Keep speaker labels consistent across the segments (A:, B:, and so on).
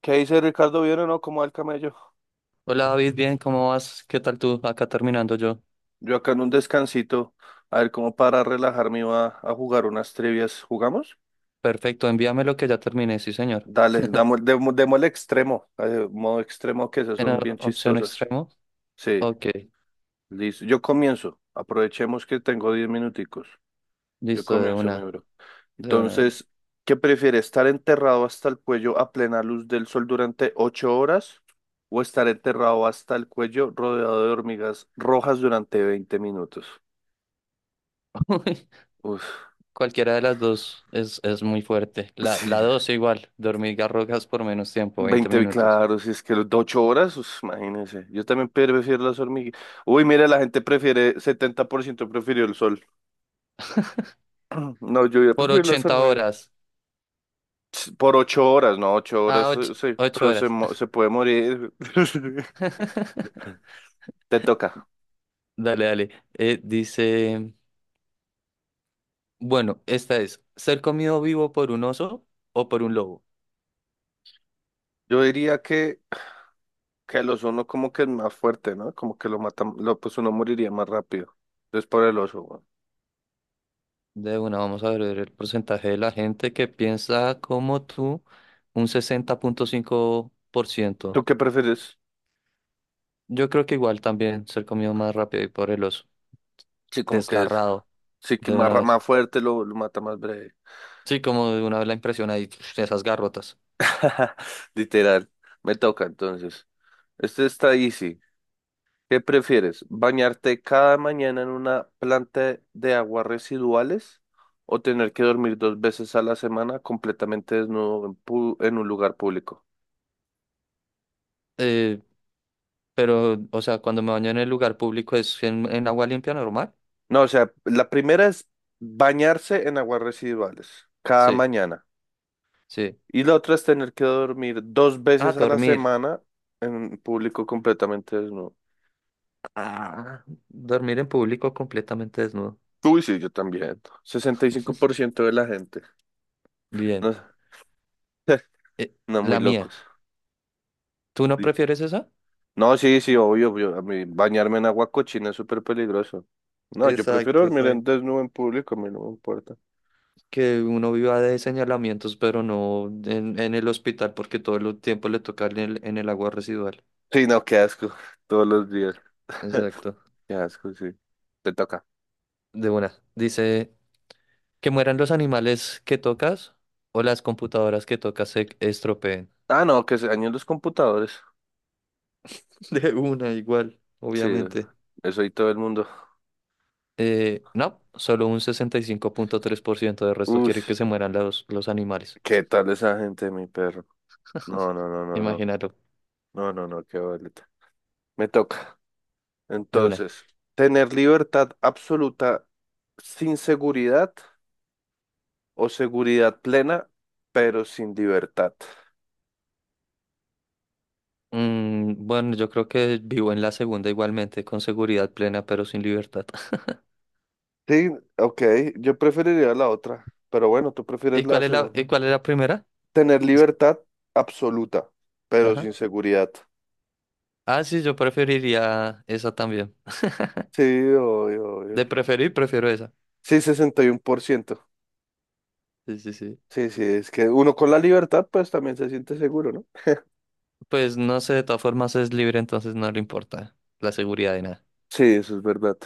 A: ¿Qué dice Ricardo? ¿Bien o no? ¿Cómo va el camello?
B: Hola David, bien, ¿cómo vas? ¿Qué tal tú? Acá terminando yo.
A: Yo acá en un descansito, a ver cómo para relajarme iba a jugar unas trivias. ¿Jugamos?
B: Perfecto, envíame lo que ya terminé, sí señor.
A: Dale, démosle modo extremo que esas
B: ¿En la
A: son bien
B: opción
A: chistosas.
B: extremo?
A: Sí,
B: Ok,
A: listo. Yo comienzo. Aprovechemos que tengo 10 minuticos. Yo
B: listo, de
A: comienzo, mi
B: una,
A: bro.
B: de una, de una.
A: Entonces, ¿qué prefiere? ¿Estar enterrado hasta el cuello a plena luz del sol durante 8 horas o estar enterrado hasta el cuello rodeado de hormigas rojas durante 20 minutos? Uf.
B: Cualquiera de las dos es muy fuerte. La
A: Sí,
B: dos igual, dormir hormigas por menos tiempo, veinte
A: veinte,
B: minutos.
A: claro, si es que los de 8 horas, pues, imagínense. Yo también prefiero las hormigas. Uy, mira, 70% prefirió el sol. No, yo ya
B: Por
A: prefiero las
B: 80
A: hormigas.
B: horas.
A: Por 8 horas, no, ocho
B: Ah,
A: horas,
B: ocho
A: sí,
B: ocho
A: pero
B: horas.
A: se puede morir. Te toca.
B: Dale, dale. Dice, bueno, esta es, ¿ser comido vivo por un oso o por un lobo?
A: Yo diría que el oso no como que es más fuerte, ¿no? Como que lo mata, pues uno moriría más rápido. Entonces por el oso, weón.
B: De una, vamos a ver el porcentaje de la gente que piensa como tú, un 60,5%.
A: ¿Tú qué prefieres?
B: Yo creo que igual también ser comido más rápido y por el oso.
A: Sí, como que es,
B: Desgarrado
A: sí que
B: de
A: más,
B: una vez.
A: más fuerte lo mata más breve.
B: Sí, como de una vez la impresión ahí, esas garrotas.
A: Literal. Me toca entonces. Este está easy. ¿Qué prefieres? ¿Bañarte cada mañana en una planta de aguas residuales o tener que dormir dos veces a la semana completamente desnudo en un lugar público?
B: Eh, pero, o sea, cuando me baño en el lugar público es en agua limpia normal.
A: No, o sea, la primera es bañarse en aguas residuales cada
B: Sí,
A: mañana
B: sí.
A: y la otra es tener que dormir dos
B: Ah,
A: veces a la
B: dormir.
A: semana en público completamente desnudo.
B: Ah, dormir en público completamente desnudo.
A: Uy, sí, yo también. 65% de la gente.
B: Bien.
A: No,
B: Eh,
A: no, muy
B: la
A: locos.
B: mía. ¿Tú no
A: Sí.
B: prefieres esa?
A: No, sí, sí, obvio, obvio. A mí bañarme en agua cochina es súper peligroso. No, yo prefiero
B: Exacto,
A: dormir en
B: exacto.
A: desnudo en público, a mí no me importa.
B: Que uno viva de señalamientos, pero no en el hospital porque todo el tiempo le toca en el agua residual.
A: Sí, no, qué asco. Todos los días.
B: Exacto.
A: Qué asco, sí. Te toca.
B: De una. Dice, que mueran los animales que tocas o las computadoras que tocas se estropeen.
A: Ah, no, que se dañen los computadores.
B: De una, igual,
A: Sí,
B: obviamente.
A: eso y todo el mundo.
B: No, solo un 65,3% del resto
A: Uy,
B: quiere que se mueran los animales.
A: ¿qué tal esa gente, mi perro? No, no, no, no, no.
B: Imagínalo,
A: No, no, no, qué boleta. Me toca.
B: de una.
A: Entonces, tener libertad absoluta sin seguridad o seguridad plena, pero sin libertad.
B: Bueno, yo creo que vivo en la segunda igualmente, con seguridad plena, pero sin libertad.
A: Sí, ok, yo preferiría la otra, pero bueno, tú
B: ¿Y
A: prefieres la
B: cuál es la,
A: segunda.
B: y cuál es la primera?
A: Tener
B: Es-
A: libertad absoluta, pero
B: Ajá.
A: sin seguridad.
B: Ah, sí, yo preferiría esa también.
A: Sí, obvio, obvio.
B: De preferir, prefiero esa.
A: Sí, 61%.
B: Sí, sí, sí.
A: Sí, sí, es que uno con la libertad pues también se siente seguro, ¿no?
B: Pues no sé, de todas formas es libre, entonces no le importa la seguridad de nada.
A: Sí, eso es verdad.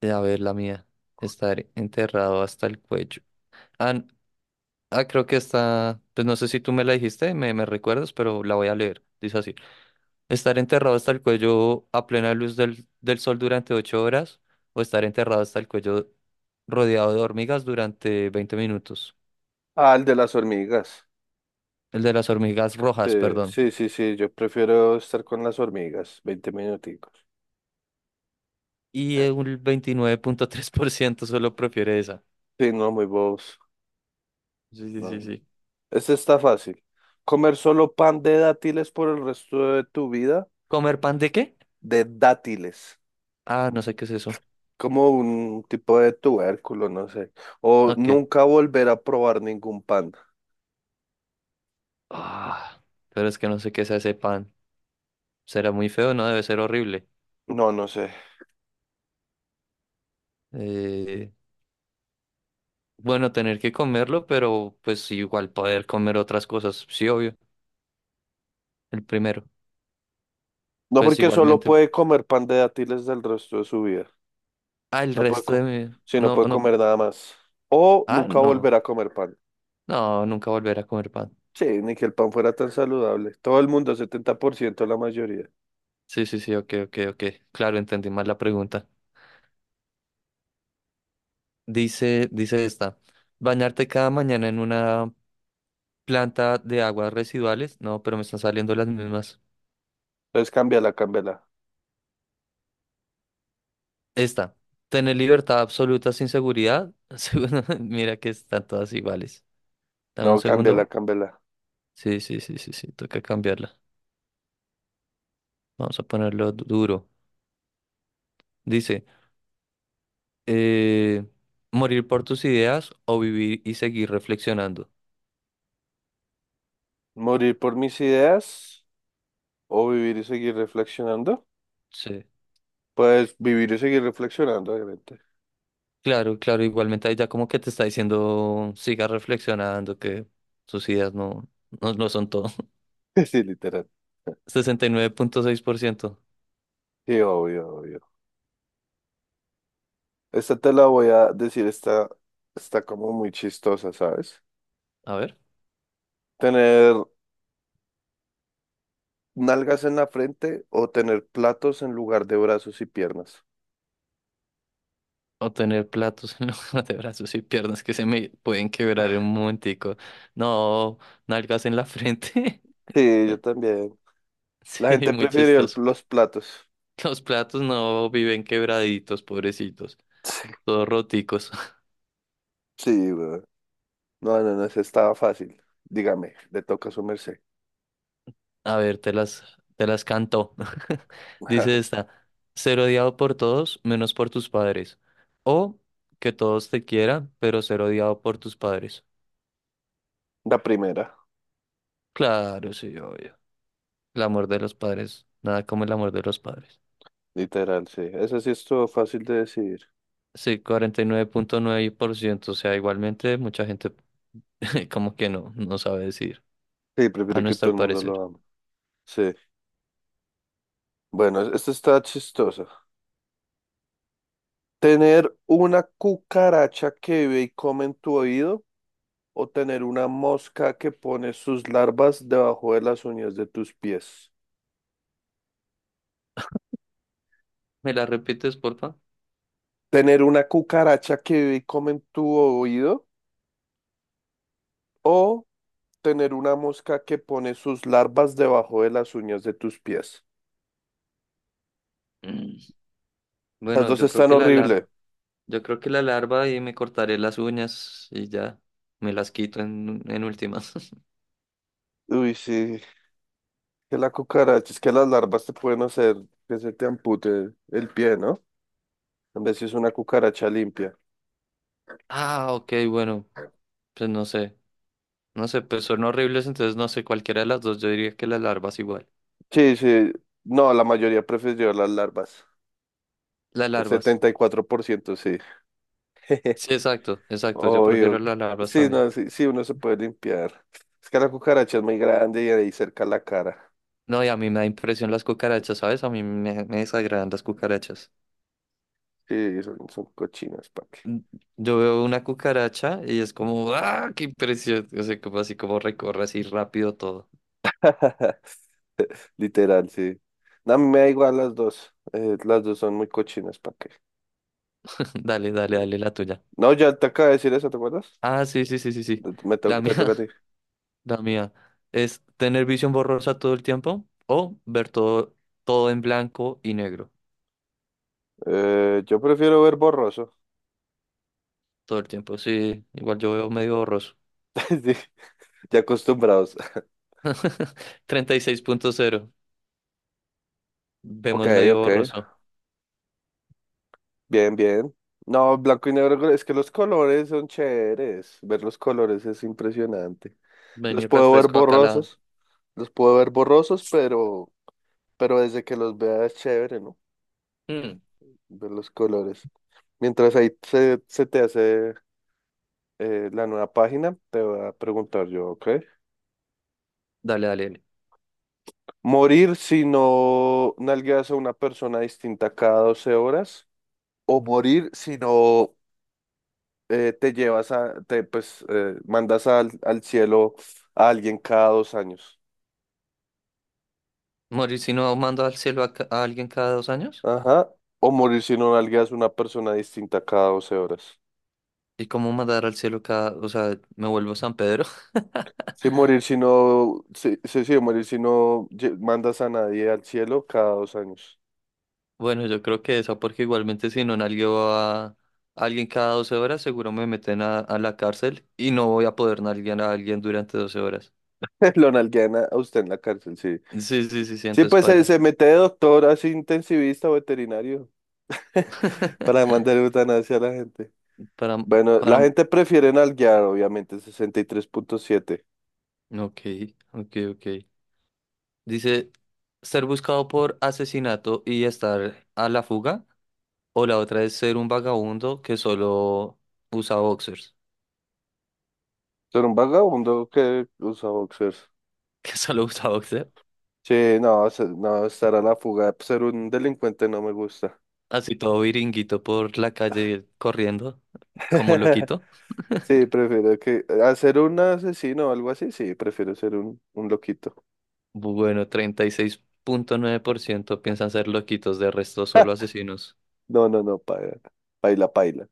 B: A ver, la mía. Estar enterrado hasta el cuello. Ah, Ah, creo que está, pues no sé si tú me la dijiste, me recuerdas, pero la voy a leer. Dice así. Estar enterrado hasta el cuello a plena luz del sol durante 8 horas o estar enterrado hasta el cuello rodeado de hormigas durante 20 minutos.
A: Ah, el de las hormigas.
B: El de las hormigas
A: Sí,
B: rojas, perdón.
A: sí, sí, sí, yo prefiero estar con las hormigas, 20 minuticos.
B: Y un 29,3% solo prefiere esa.
A: Sí, no, muy bobos.
B: Sí, sí, sí,
A: No.
B: sí.
A: Este está fácil. Comer solo pan de dátiles por el resto de tu vida.
B: ¿Comer pan de qué?
A: De dátiles.
B: Ah, no sé qué es eso.
A: Como un tipo de tubérculo, no sé. O
B: Ok.
A: nunca volver a probar ningún pan.
B: Ah, pero es que no sé qué es ese pan. Será muy feo, ¿no? Debe ser horrible.
A: No, no sé.
B: Eh, Bueno, tener que comerlo, pero pues sí, igual poder comer otras cosas. Sí, obvio. El primero.
A: No,
B: Pues
A: porque solo
B: igualmente.
A: puede comer pan de dátiles del resto de su vida.
B: Ah, el
A: No puede
B: resto de
A: comer.
B: mi...
A: Sí, no
B: No,
A: puede
B: no.
A: comer nada más. O
B: Ah,
A: nunca
B: no.
A: volver a comer pan.
B: No, nunca volver a comer pan.
A: Sí, ni que el pan fuera tan saludable. Todo el mundo, 70%, la mayoría.
B: Sí, sí, sí, ok, ok, ok. Claro, entendí mal la pregunta. Dice, dice esta. Bañarte cada mañana en una planta de aguas residuales. No, pero me están saliendo las mismas.
A: Entonces cámbiala, cámbiala.
B: Esta. Tener libertad absoluta sin seguridad. Mira que están todas iguales. Dame un
A: No, cámbiala,
B: segundo.
A: cámbiala.
B: Sí, sí, sí, sí, sí, toca cambiarla. Vamos a ponerlo duro. Dice, eh, morir por tus ideas o vivir y seguir reflexionando.
A: Morir por mis ideas. O vivir y seguir reflexionando.
B: Sí,
A: Pues vivir y seguir reflexionando, obviamente.
B: claro, claro, igualmente ahí ya como que te está diciendo, siga reflexionando, que sus ideas no, no, no son todo.
A: Sí, literal.
B: 69,6%.
A: Sí, obvio, obvio. Esta te la voy a decir, está como muy chistosa, ¿sabes?
B: A ver,
A: Tener nalgas en la frente o tener platos en lugar de brazos y piernas.
B: o tener platos en lugar de brazos y piernas que se me pueden quebrar en un momentico. No, nalgas en la frente.
A: Sí, yo también. La
B: Sí,
A: gente
B: muy
A: prefirió
B: chistoso.
A: los platos.
B: Los platos no viven quebraditos, pobrecitos,
A: Sí,
B: todos roticos.
A: sí, güey. No, no, no, esa estaba fácil. Dígame, le toca a su merced.
B: A ver, te las canto. Dice esta, ser odiado por todos menos por tus padres. O que todos te quieran, pero ser odiado por tus padres.
A: La primera,
B: Claro, sí, obvio. El amor de los padres, nada como el amor de los padres.
A: literal, sí. Esa sí estuvo fácil de decir.
B: Sí, cuarenta nueve nueve punto nueve por ciento. O sea, igualmente mucha gente como que no, no sabe decir,
A: Sí,
B: a
A: prefiere que todo
B: nuestro
A: el mundo
B: parecer.
A: lo ame. Sí. Bueno, esto está chistoso. ¿Tener una cucaracha que vive y come en tu oído o tener una mosca que pone sus larvas debajo de las uñas de tus pies?
B: ¿Me la repites, porfa?
A: ¿Tener una cucaracha que vive y come en tu oído o tener una mosca que pone sus larvas debajo de las uñas de tus pies?
B: Mm.
A: Las
B: Bueno,
A: dos
B: yo creo
A: están
B: que la larga.
A: horribles.
B: Yo creo que la larva y me cortaré las uñas y ya me las quito en últimas.
A: Uy, sí, que la cucaracha, es que las larvas te pueden hacer que se te ampute el pie, ¿no? En vez si es una cucaracha limpia.
B: Ah, ok, bueno, pues no sé. No sé, pues son horribles, entonces no sé, cualquiera de las dos, yo diría que las larvas igual.
A: Sí, sí. No, la mayoría prefirió las larvas.
B: Las
A: El
B: larvas.
A: 74%, sí.
B: Sí, exacto, exacto, yo prefiero
A: Obvio.
B: las larvas
A: Sí,
B: también.
A: no, sí, sí, uno se puede limpiar. Es que la cucaracha es muy grande y ahí cerca la cara.
B: No, y a mí me da impresión las cucarachas, ¿sabes? A mí me desagradan las cucarachas.
A: Sí, son cochinas, ¿para qué?
B: Mm, Yo veo una cucaracha y es como, ¡ah, qué impresión! O sea, como así como recorre así rápido todo.
A: Literal, sí. No, a mí me da igual las dos. Las dos son muy cochinas, ¿para qué?
B: Dale, dale, dale la tuya.
A: No, ya te acabo de decir eso, ¿te acuerdas?
B: Ah, sí, sí, sí, sí, sí.
A: Me to-
B: La
A: te
B: mía,
A: toca a ti.
B: La mía es tener visión borrosa todo el tiempo o ver todo, todo en blanco y negro
A: Yo prefiero ver borroso.
B: todo el tiempo. Sí, igual yo veo medio borroso.
A: Sí, ya acostumbrados.
B: 36,0
A: Ok,
B: vemos medio
A: ok.
B: borroso.
A: Bien, bien. No, blanco y negro, es que los colores son chéveres. Ver los colores es impresionante.
B: Ven
A: Los
B: y
A: puedo ver
B: refresco acá la...
A: borrosos, los puedo ver borrosos, pero desde que los vea es chévere, ¿no?
B: Mm,
A: Ver los colores. Mientras ahí se te hace la nueva página, te voy a preguntar yo, ¿ok?
B: dale, dale, dale.
A: ¿Morir si no nalgueas a una persona distinta cada 12 horas? ¿O morir si no te llevas a, te, pues, mandas al cielo a alguien cada 2 años?
B: Morir si no mando al cielo a alguien cada 2 años.
A: Ajá. O morir si no nalgas una persona distinta cada 12 horas.
B: ¿Y cómo mandar al cielo cada... O sea, me vuelvo San Pedro?
A: Si morir si no, sí, sí, sí, morir si no mandas a nadie al cielo cada 2 años.
B: Bueno, yo creo que esa porque igualmente si no nalgueo a... Alguien cada 12 horas seguro me meten a la cárcel y no voy a poder nalguear a alguien durante 12 horas.
A: Lo nalguean a usted en la cárcel, sí.
B: Sí, sí, sí, sí,
A: Sí,
B: entonces
A: pues se,
B: paila.
A: se mete de doctor así intensivista o veterinario para mandar eutanasia a la gente.
B: Para,
A: Bueno,
B: para,
A: la gente prefiere nalguear, obviamente, 63,7.
B: ok, ok, ok. Dice, ser buscado por asesinato y estar a la fuga, o la otra es ser un vagabundo que solo usa boxers,
A: Ser un vagabundo que usa boxers.
B: que solo usa boxer,
A: Sí, no, no, estar a la fuga, ser un delincuente no me gusta.
B: así todo viringuito por la calle corriendo, como loquito.
A: Sí, prefiero que, a ser un asesino o algo así, sí, prefiero ser un loquito.
B: Bueno, 36,9% piensan ser loquitos, de resto solo asesinos.
A: No, no, no, paila, paila, paila.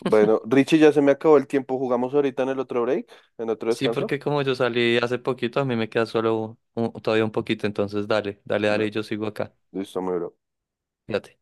A: Bueno, Richie, ya se me acabó el tiempo, jugamos ahorita en el otro break, en otro
B: Sí,
A: descanso.
B: porque como yo salí hace poquito, a mí me queda solo todavía un poquito, entonces dale, dale,
A: Da-
B: dale, yo sigo acá.
A: Listo, muy bro.
B: Fíjate.